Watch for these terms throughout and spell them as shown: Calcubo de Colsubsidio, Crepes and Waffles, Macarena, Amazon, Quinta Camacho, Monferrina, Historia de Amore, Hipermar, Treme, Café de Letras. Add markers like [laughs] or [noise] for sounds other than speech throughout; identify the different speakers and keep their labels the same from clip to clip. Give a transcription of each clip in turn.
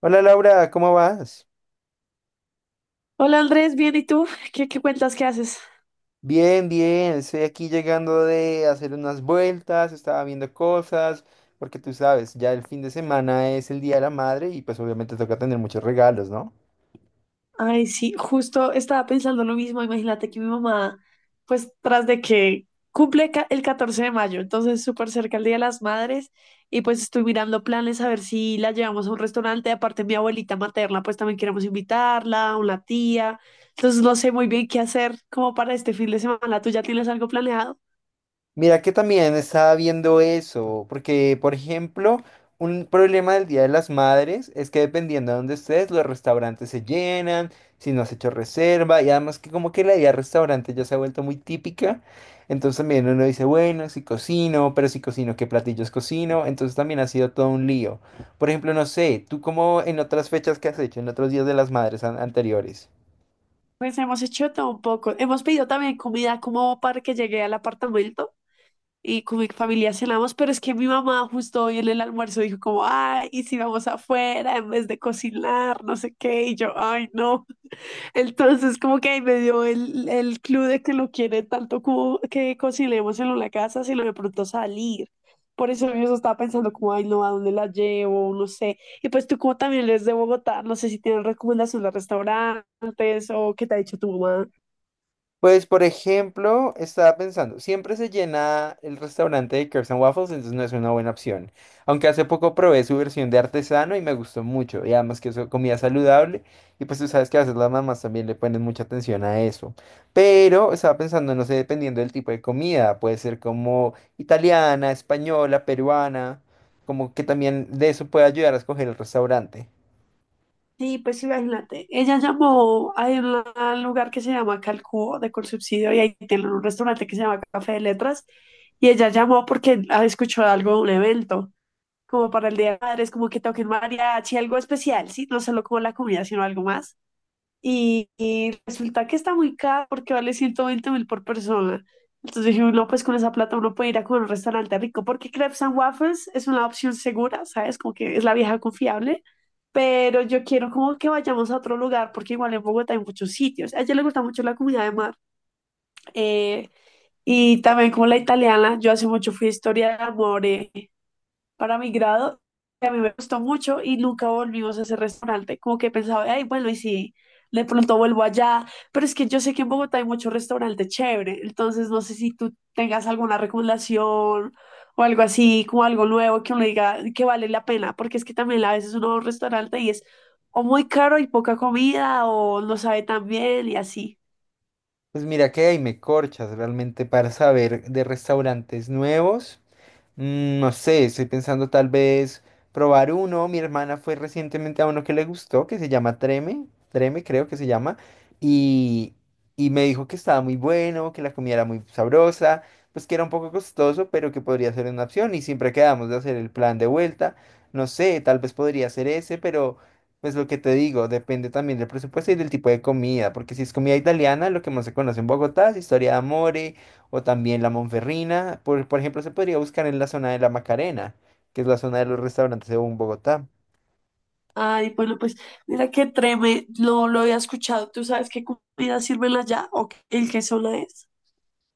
Speaker 1: Hola Laura, ¿cómo vas?
Speaker 2: Hola Andrés, bien, ¿y tú? ¿Qué cuentas? ¿Qué haces?
Speaker 1: Bien, bien, estoy aquí llegando de hacer unas vueltas, estaba viendo cosas, porque tú sabes, ya el fin de semana es el Día de la Madre y pues obviamente toca tener muchos regalos, ¿no?
Speaker 2: Ay, sí, justo estaba pensando lo mismo. Imagínate que mi mamá, pues tras de que cumple el 14 de mayo, entonces súper cerca el Día de las Madres, y pues estoy mirando planes a ver si la llevamos a un restaurante. Aparte, mi abuelita materna, pues también queremos invitarla, una tía. Entonces no sé muy bien qué hacer como para este fin de semana. ¿Tú ya tienes algo planeado?
Speaker 1: Mira que también estaba viendo eso, porque por ejemplo, un problema del Día de las Madres es que dependiendo de dónde estés, los restaurantes se llenan, si no has hecho reserva, y además que como que la idea de restaurante ya se ha vuelto muy típica, entonces también uno dice, bueno, si cocino, pero si cocino, ¿qué platillos cocino? Entonces también ha sido todo un lío. Por ejemplo, no sé, ¿tú cómo en otras fechas que has hecho, en otros días de las madres anteriores?
Speaker 2: Pues hemos hecho todo un poco. Hemos pedido también comida como para que llegue al apartamento y con mi familia cenamos, pero es que mi mamá justo hoy en el almuerzo dijo como, ay, ¿y si vamos afuera en vez de cocinar? No sé qué, y yo, ay, no. Entonces como que ahí me dio el clue de que no quiere tanto como que cocinemos en la casa, sino de pronto salir. Por eso yo estaba pensando como, ay, no, ¿a dónde la llevo? No sé. Y pues tú como también eres de Bogotá, no sé si tienes recomendaciones de restaurantes o qué te ha dicho tu mamá.
Speaker 1: Pues, por ejemplo, estaba pensando, siempre se llena el restaurante de Crepes and Waffles, entonces no es una buena opción. Aunque hace poco probé su versión de artesano y me gustó mucho, y además que es comida saludable, y pues tú sabes que a veces las mamás también le ponen mucha atención a eso. Pero estaba pensando, no sé, dependiendo del tipo de comida, puede ser como italiana, española, peruana, como que también de eso puede ayudar a escoger el restaurante.
Speaker 2: Sí, pues imagínate, ella llamó a un lugar que se llama Calcubo de Colsubsidio y ahí tienen un restaurante que se llama Café de Letras y ella llamó porque ah, escuchó algo de un evento, como para el Día de Madres, como que toquen mariachi, algo especial, sí, no solo como la comida, sino algo más. Y resulta que está muy caro porque vale 120.000 por persona. Entonces dije, no, pues con esa plata uno puede ir a comer un restaurante rico porque Crepes and Waffles es una opción segura, ¿sabes? Como que es la vieja confiable. Pero yo quiero como que vayamos a otro lugar porque igual en Bogotá hay muchos sitios. A ella le gusta mucho la comida de mar eh, y también como la italiana. Yo hace mucho fui a Historia de Amore para mi grado. A mí me gustó mucho y nunca volvimos a ese restaurante. Como que pensaba, ay, bueno, y si de pronto vuelvo allá, pero es que yo sé que en Bogotá hay muchos restaurantes chévere, entonces no sé si tú tengas alguna recomendación o algo así, como algo nuevo que uno diga que vale la pena, porque es que también a veces uno va a un restaurante y es o muy caro y poca comida o no sabe tan bien y así.
Speaker 1: Pues mira que ahí me corchas realmente para saber de restaurantes nuevos. No sé, estoy pensando tal vez probar uno. Mi hermana fue recientemente a uno que le gustó, que se llama Treme, Treme creo que se llama, y, y me dijo que estaba muy bueno, que la comida era muy sabrosa, pues que era un poco costoso, pero que podría ser una opción y siempre quedamos de hacer el plan de vuelta. No sé, tal vez podría ser ese, pero pues lo que te digo, depende también del presupuesto y del tipo de comida, porque si es comida italiana, lo que más se conoce en Bogotá es historia de amor o también la Monferrina. Por ejemplo, se podría buscar en la zona de la Macarena, que es la zona de los restaurantes según Bogotá.
Speaker 2: Ay, bueno, pues mira qué treme, no lo había escuchado. ¿Tú sabes qué comida sirven allá o el qué zona es?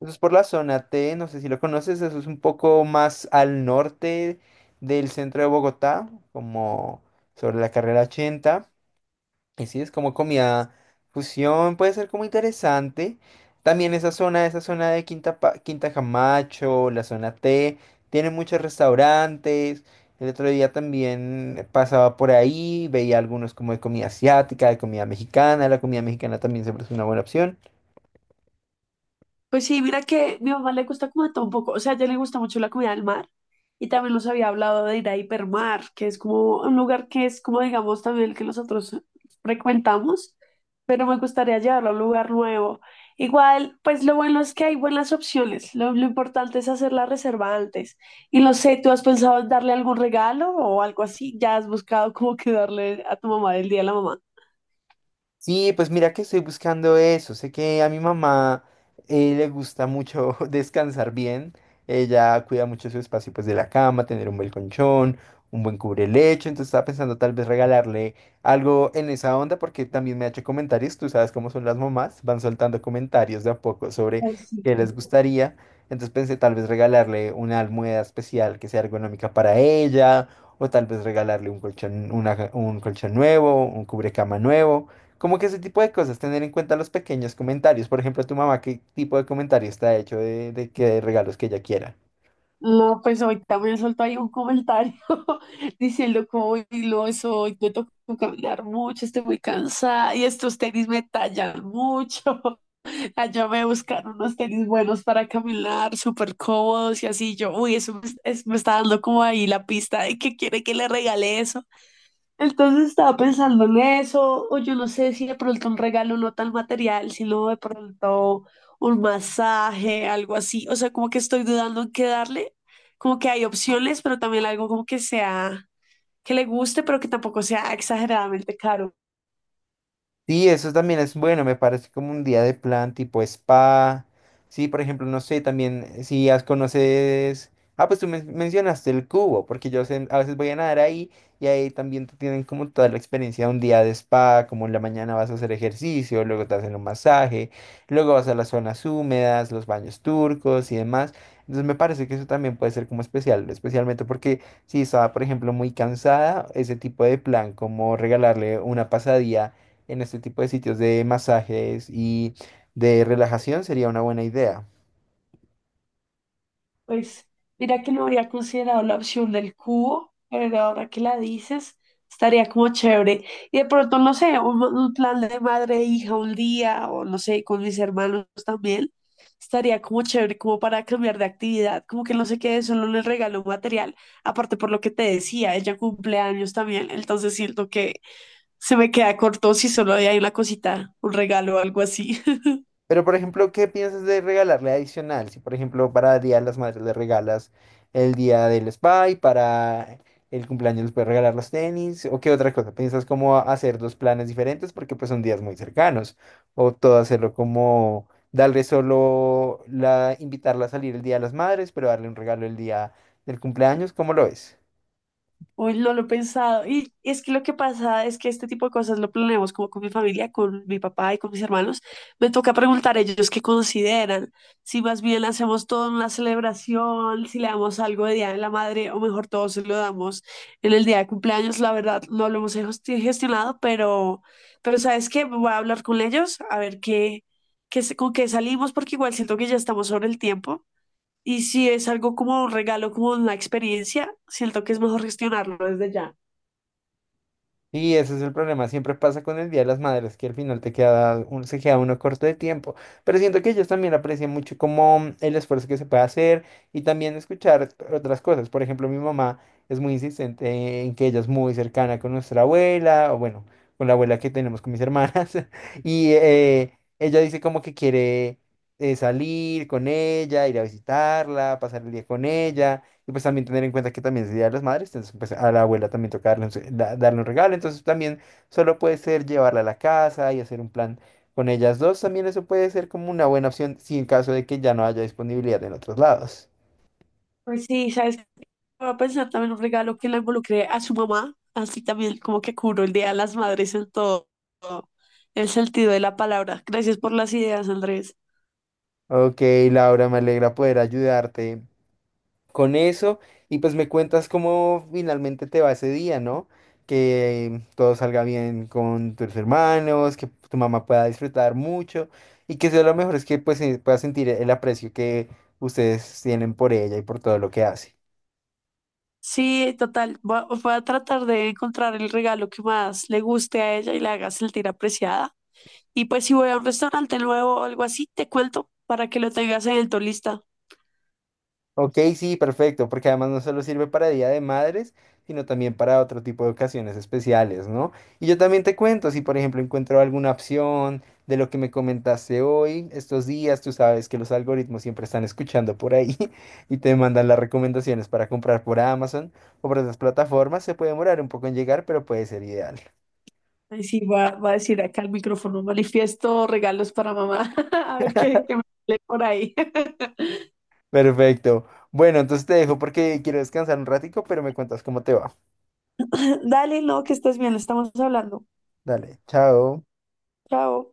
Speaker 1: Eso es por la zona T, no sé si lo conoces, eso es un poco más al norte del centro de Bogotá, como sobre la carrera 80. Y sí, es como comida fusión, puede ser como interesante. También esa zona de Quinta, Quinta Camacho, la zona T, tiene muchos restaurantes. El otro día también pasaba por ahí, veía algunos como de comida asiática, de comida mexicana. La comida mexicana también siempre es una buena opción.
Speaker 2: Pues sí, mira que mi mamá le gusta como de todo un poco, o sea, a ella le gusta mucho la comida del mar y también nos había hablado de ir a Hipermar, que es como un lugar que es como digamos también el que nosotros frecuentamos, pero me gustaría llevarlo a un lugar nuevo. Igual, pues lo bueno es que hay buenas opciones, lo importante es hacer la reserva antes. Y no sé, ¿tú has pensado en darle algún regalo o algo así? ¿Ya has buscado como que darle a tu mamá del día de la mamá?
Speaker 1: Sí, pues mira que estoy buscando eso. Sé que a mi mamá le gusta mucho [laughs] descansar bien. Ella cuida mucho su espacio pues de la cama, tener un buen colchón, un buen cubrelecho. Entonces estaba pensando tal vez regalarle algo en esa onda porque también me ha hecho comentarios. Tú sabes cómo son las mamás, van soltando comentarios de a poco sobre
Speaker 2: Pues sí.
Speaker 1: qué les gustaría. Entonces pensé tal vez regalarle una almohada especial que sea ergonómica para ella o tal vez regalarle un colchón, un colchón nuevo, un cubrecama nuevo. Como que ese tipo de cosas, tener en cuenta los pequeños comentarios. Por ejemplo, tu mamá, ¿qué tipo de comentario está hecho de qué regalos que ella quiera?
Speaker 2: No, pues ahorita me soltó ahí un comentario [laughs] diciendo como "Uy, no soy, me tocó caminar mucho, estoy muy cansada y estos tenis me tallan mucho. [laughs] Allá me buscaron unos tenis buenos para caminar, súper cómodos y así. Yo, uy, eso me, me está dando como ahí la pista de que quiere que le regale eso. Entonces estaba pensando en eso, o yo no sé si de pronto un regalo no tan material, sino de pronto un masaje, algo así. O sea, como que estoy dudando en qué darle, como que hay opciones, pero también algo como que sea, que le guste, pero que tampoco sea exageradamente caro.
Speaker 1: Sí, eso también es bueno, me parece como un día de plan tipo spa. Sí, por ejemplo, no sé, también si has conoces... Ah, pues tú mencionaste el cubo, porque yo sé- a veces voy a nadar ahí y ahí también te tienen como toda la experiencia de un día de spa, como en la mañana vas a hacer ejercicio, luego te hacen un masaje, luego vas a las zonas húmedas, los baños turcos y demás. Entonces me parece que eso también puede ser como especial, especialmente porque si estaba, por ejemplo, muy cansada, ese tipo de plan, como regalarle una pasadía en este tipo de sitios de masajes y de relajación sería una buena idea.
Speaker 2: Pues mira que no habría considerado la opción del cubo, pero ahora que la dices, estaría como chévere. Y de pronto, no sé, un plan de madre e hija un día, o no sé, con mis hermanos también, estaría como chévere, como para cambiar de actividad, como que no se quede solo en el regalo material. Aparte por lo que te decía, ella cumple años también, entonces siento que se me queda corto si solo hay una cosita, un regalo o algo así.
Speaker 1: Pero, por ejemplo, ¿qué piensas de regalarle adicional? Si, por ejemplo, para el Día de las Madres le regalas el día del spa y para el cumpleaños les puedes regalar los tenis, ¿o qué otra cosa? ¿Piensas cómo hacer dos planes diferentes porque pues son días muy cercanos? ¿O todo hacerlo como darle solo la, invitarla a salir el Día de las Madres, pero darle un regalo el día del cumpleaños? ¿Cómo lo ves?
Speaker 2: Uy, no lo he pensado. Y es que lo que pasa es que este tipo de cosas lo planeamos como con mi familia, con mi papá y con mis hermanos. Me toca preguntar a ellos qué consideran, si más bien hacemos toda una celebración, si le damos algo de Día de la Madre o mejor todo se lo damos en el día de cumpleaños. La verdad, no lo hemos gestionado, pero ¿sabes qué? Voy a hablar con ellos a ver con qué salimos, porque igual siento que ya estamos sobre el tiempo. Y si es algo como un regalo, como una experiencia, siento que es mejor gestionarlo desde ya.
Speaker 1: Y ese es el problema, siempre pasa con el Día de las Madres, que al final te queda se queda uno corto de tiempo, pero siento que ellos también aprecian mucho como el esfuerzo que se puede hacer y también escuchar otras cosas. Por ejemplo, mi mamá es muy insistente en que ella es muy cercana con nuestra abuela, o bueno, con la abuela que tenemos con mis hermanas, [laughs] y ella dice como que quiere salir con ella, ir a visitarla, pasar el día con ella. Y pues también tener en cuenta que también es el Día de las Madres, entonces pues a la abuela también toca darle un, darle un regalo, entonces también solo puede ser llevarla a la casa y hacer un plan con ellas dos, también eso puede ser como una buena opción si en caso de que ya no haya disponibilidad en otros lados.
Speaker 2: Pues sí, ¿sabes qué? Voy a pensar también un regalo que la involucre a su mamá, así también como que cubro el Día de las Madres en todo el sentido de la palabra. Gracias por las ideas, Andrés.
Speaker 1: Ok, Laura, me alegra poder ayudarte con eso y pues me cuentas cómo finalmente te va ese día, ¿no? Que todo salga bien con tus hermanos, que tu mamá pueda disfrutar mucho y que sea lo mejor es que pues pueda sentir el aprecio que ustedes tienen por ella y por todo lo que hace.
Speaker 2: Sí, total, voy a tratar de encontrar el regalo que más le guste a ella y la haga sentir apreciada. Y pues si voy a un restaurante nuevo o algo así, te cuento para que lo tengas en el tu lista.
Speaker 1: Ok, sí, perfecto, porque además no solo sirve para Día de Madres, sino también para otro tipo de ocasiones especiales, ¿no? Y yo también te cuento, si por ejemplo encuentro alguna opción de lo que me comentaste hoy, estos días, tú sabes que los algoritmos siempre están escuchando por ahí [laughs] y te mandan las recomendaciones para comprar por Amazon o por otras plataformas, se puede demorar un poco en llegar, pero puede ser ideal.
Speaker 2: Ay, sí, va a decir acá el micrófono, manifiesto regalos para mamá. [laughs] A ver qué me sale por ahí. [laughs]
Speaker 1: [laughs] Perfecto. Bueno, entonces te dejo porque quiero descansar un ratico, pero me cuentas cómo te va.
Speaker 2: Dale, no, que estés bien, estamos hablando.
Speaker 1: Dale, chao.
Speaker 2: Chao.